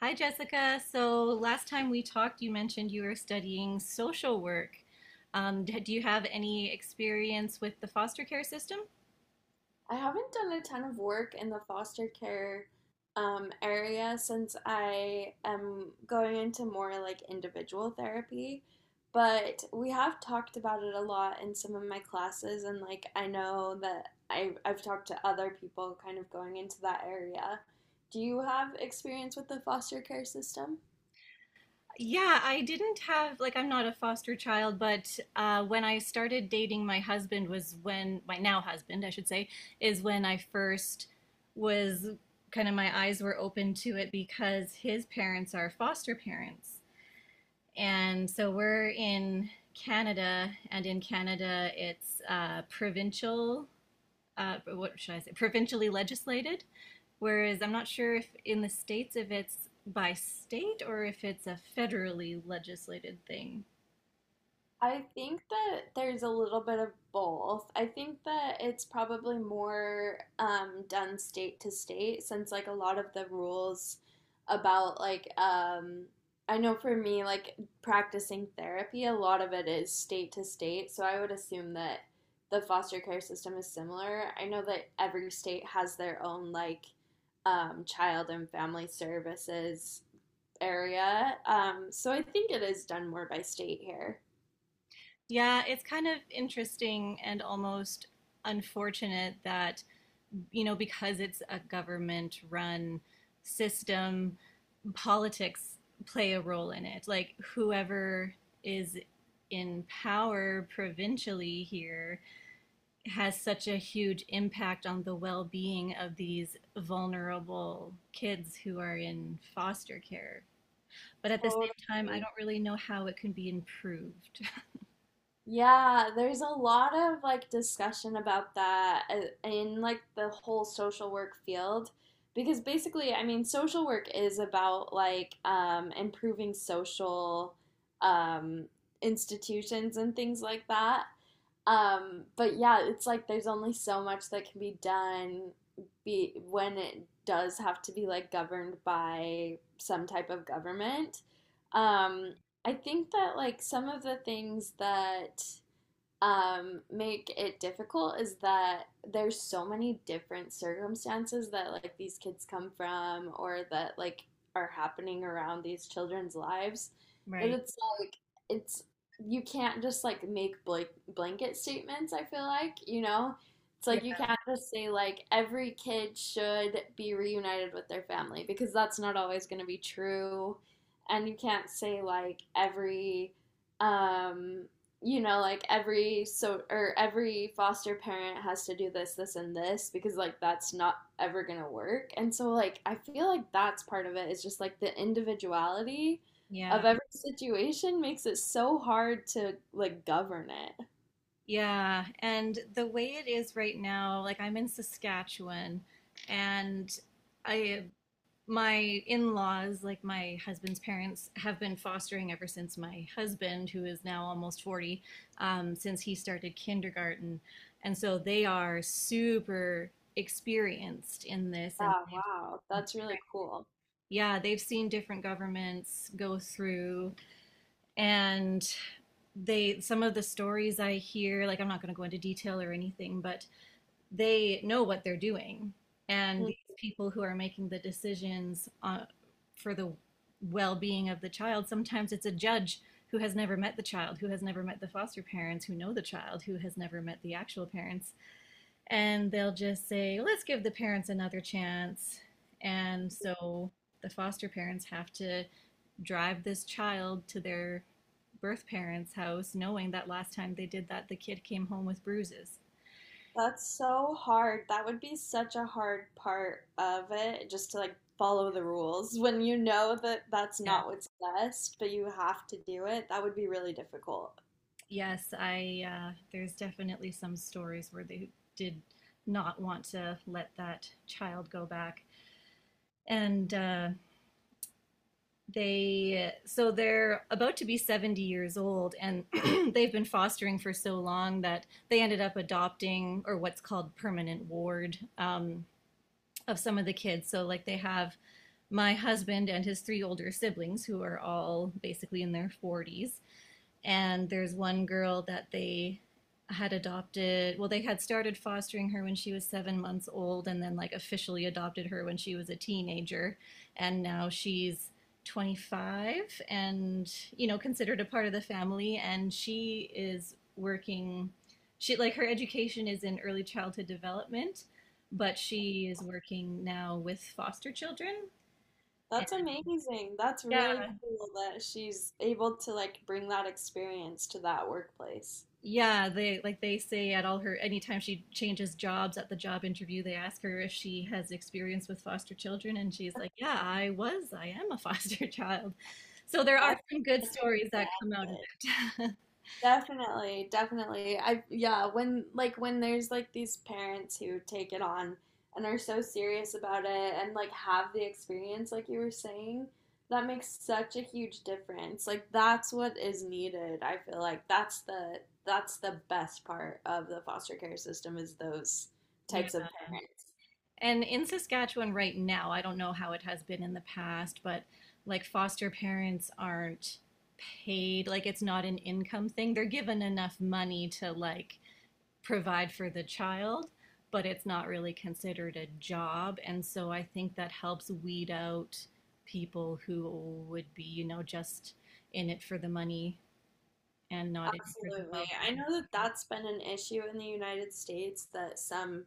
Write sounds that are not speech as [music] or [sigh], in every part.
Hi, Jessica. So last time we talked, you mentioned you were studying social work. Do you have any experience with the foster care system? I haven't done a ton of work in the foster care area since I am going into more like individual therapy. But we have talked about it a lot in some of my classes, and like I know that I've talked to other people kind of going into that area. Do you have experience with the foster care system? Yeah, I didn't have, like, I'm not a foster child, but when I started dating my husband was when, my now husband, I should say, is when I first was kind of my eyes were open to it because his parents are foster parents. And so we're in Canada, and in Canada, it's provincial, what should I say, provincially legislated. Whereas I'm not sure if in the States, if it's by state or if it's a federally legislated thing. I think that there's a little bit of both. I think that it's probably more done state to state since like a lot of the rules about I know for me like practicing therapy, a lot of it is state to state. So I would assume that the foster care system is similar. I know that every state has their own like child and family services area. So I think it is done more by state here. Yeah, it's kind of interesting and almost unfortunate that you know, because it's a government run system, politics play a role in it. Like whoever is in power provincially here has such a huge impact on the well-being of these vulnerable kids who are in foster care. But at the same time, I Totally. don't really know how it can be improved. [laughs] Yeah, there's a lot of like discussion about that in like the whole social work field because basically, I mean, social work is about like improving social um institutions and things like that. But yeah, it's like there's only so much that can be done be when it does have to be like governed by some type of government. Um, I think that like some of the things that make it difficult is that there's so many different circumstances that like these kids come from or that like are happening around these children's lives that Right. it's like it's you can't just like make blanket statements, I feel like, you know, it's Yeah. like you can't just say like every kid should be reunited with their family because that's not always going to be true, and you can't say like every um you know, like every so or every foster parent has to do this, this, and this because like that's not ever gonna work. And so like I feel like that's part of it is just like the individuality Yeah. of every situation makes it so hard to like govern it. Yeah, and the way it is right now, like I'm in Saskatchewan and I my in-laws, like my husband's parents, have been fostering ever since my husband, who is now almost 40, since he started kindergarten. And so they are super experienced in this and Yeah, wow, that's really cool. yeah, they've seen different governments go through and they some of the stories I hear, like I'm not going to go into detail or anything, but they know what they're doing. And Mm. these people who are making the decisions for the well being of the child, sometimes it's a judge who has never met the child, who has never met the foster parents, who know the child, who has never met the actual parents. And they'll just say, let's give the parents another chance. And so the foster parents have to drive this child to their birth parents' house, knowing that last time they did that, the kid came home with bruises. That's so hard. That would be such a hard part of it, just to like follow the rules when you know that that's Yeah. not what's best, but you have to do it. That would be really difficult. Yes, I there's definitely some stories where they did not want to let that child go back. And they so they're about to be 70 years old and [clears throat] they've been fostering for so long that they ended up adopting or what's called permanent ward of some of the kids. So like they have my husband and his three older siblings who are all basically in their 40s, and there's one girl that they had adopted, well they had started fostering her when she was 7 months old and then like officially adopted her when she was a teenager, and now she's 25, and you know considered a part of the family, and she is working. She like her education is in early childhood development, but she is working now with foster children. That's amazing. That's really cool that she's able to like bring that experience to that workplace. Yeah, they like they say at all her anytime she changes jobs at the job interview, they ask her if she has experience with foster children, and she's like, "Yeah, I was. I am a foster [laughs] child." So there are That's some good such stories a that bad come out of thing. it. [laughs] Definitely, definitely. I Yeah, when like when there's like these parents who take it on and are so serious about it and like have the experience like you were saying, that makes such a huge difference. Like that's what is needed. I feel like that's the best part of the foster care system is those Yeah. types of parents. And in Saskatchewan right now, I don't know how it has been in the past, but like foster parents aren't paid, like it's not an income thing. They're given enough money to like provide for the child, but it's not really considered a job. And so I think that helps weed out people who would be, you know, just in it for the money and not in it for the Absolutely. well. I know that that's been an issue in the United States that some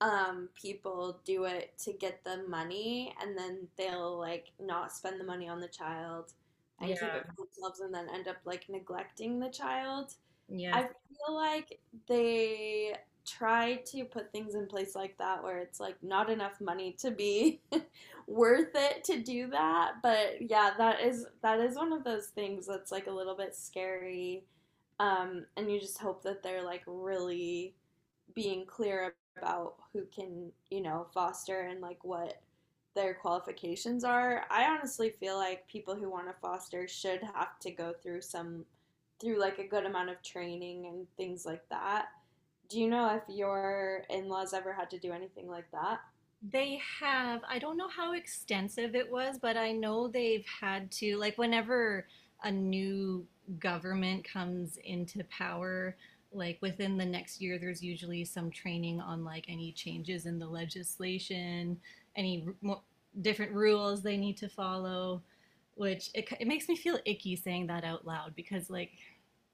people do it to get the money and then they'll like not spend the money on the child and keep it Yeah. for themselves and then end up like neglecting the child. I Yes. feel like they try to put things in place like that where it's like not enough money to be [laughs] worth it to do that. But yeah, that is one of those things that's like a little bit scary. And you just hope that they're like really being clear about who can, you know, foster and like what their qualifications are. I honestly feel like people who want to foster should have to go through some through like a good amount of training and things like that. Do you know if your in-laws ever had to do anything like that? They have, I don't know how extensive it was, but I know they've had to, like, whenever a new government comes into power, like within the next year, there's usually some training on like any changes in the legislation, any r- mo different rules they need to follow, which it makes me feel icky saying that out loud because, like,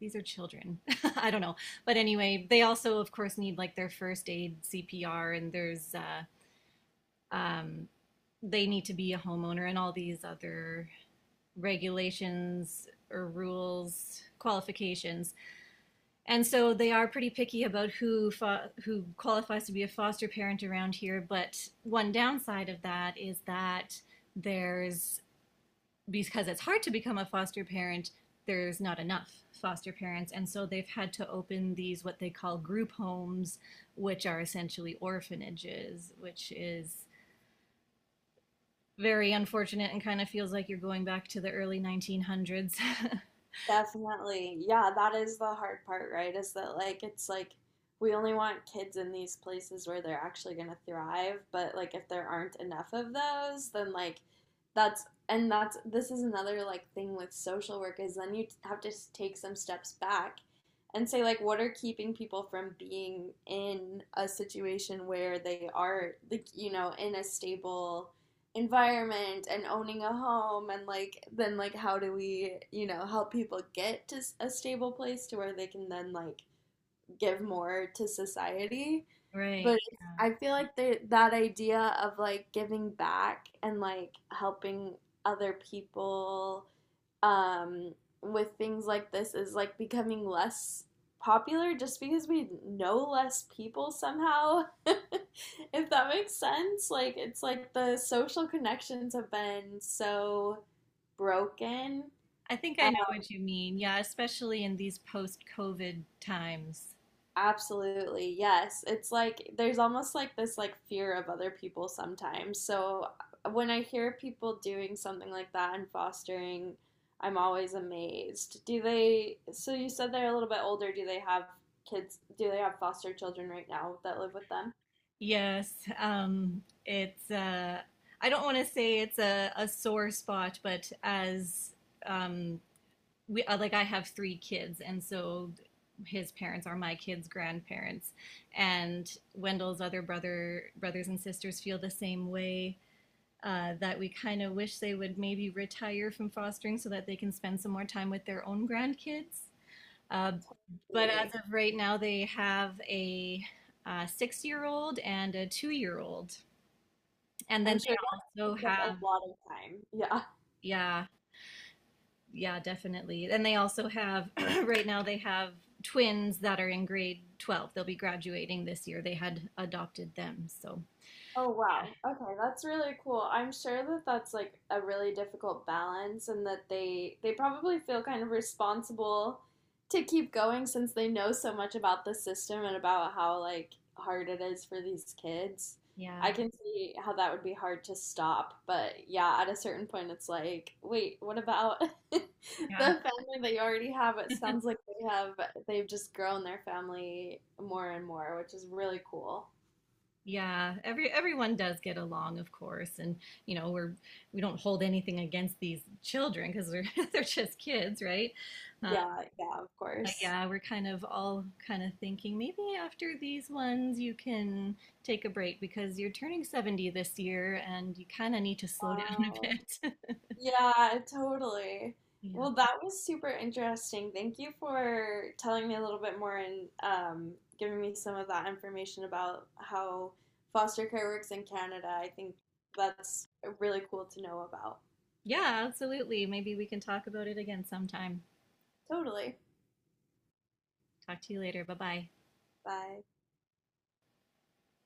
these are children. [laughs] I don't know. But anyway, they also, of course, need like their first aid CPR, and um, they need to be a homeowner and all these other regulations or rules qualifications, and so they are pretty picky about who who qualifies to be a foster parent around here. But one downside of that is that there's because it's hard to become a foster parent, there's not enough foster parents, and so they've had to open these what they call group homes, which are essentially orphanages, which is very unfortunate and kind of feels like you're going back to the early 1900s. [laughs] Definitely. Yeah, that is the hard part, right? Is that like it's like we only want kids in these places where they're actually going to thrive, but like if there aren't enough of those, then like that's, this is another like thing with social work is then you have to take some steps back and say like what are keeping people from being in a situation where they are, like, you know, in a stable environment and owning a home, and like then like how do we, you know, help people get to a stable place to where they can then like give more to society, Right. but I feel like that idea of like giving back and like helping other people um, with things like this is like becoming less popular just because we know less people somehow, [laughs] if that makes sense. Like it's like the social connections have been so broken. I think I know what you mean. Yeah, especially in these post-COVID times. Absolutely. Yes. It's like there's almost like this like fear of other people sometimes. So when I hear people doing something like that and fostering, I'm always amazed. Do they, so you said they're a little bit older. Do they have kids? Do they have foster children right now that live with them? Yes, it's I don't want to say it's a sore spot, but as um, we like I have 3 kids, and so his parents are my kids' grandparents, and Wendell's other brothers and sisters feel the same way. That we kind of wish they would maybe retire from fostering so that they can spend some more time with their own grandkids. Uh, but as Really? of right now, they have 6 year old and a 2 year old. And then I'm sure that they also takes up have, a lot of time. Yeah. yeah, yeah, definitely. And they also have, [clears throat] right now, they have twins that are in grade 12. They'll be graduating this year. They had adopted them. So, Oh wow. Okay, that's really cool. I'm sure that that's like a really difficult balance and that they probably feel kind of responsible to keep going since they know so much about the system and about how like hard it is for these kids. I yeah, can see how that would be hard to stop, but yeah, at a certain point it's like, wait, what about [laughs] the yeah. family that you already have? It sounds like they've just grown their family more and more, which is really cool. Yeah, everyone does get along, of course, and you know we don't hold anything against these children because they're [laughs] they're just kids, right? Um, Yeah, yeah, of but course. yeah, we're kind of all kind of thinking maybe after these ones you can take a break because you're turning 70 this year and you kind of need to slow [laughs] down a Wow. bit. [laughs] Yeah, totally. Yeah. Well, that was super interesting. Thank you for telling me a little bit more and giving me some of that information about how foster care works in Canada. I think that's really cool to know about. Yeah, absolutely. Maybe we can talk about it again sometime. Totally. Talk to you later. Bye-bye. Bye.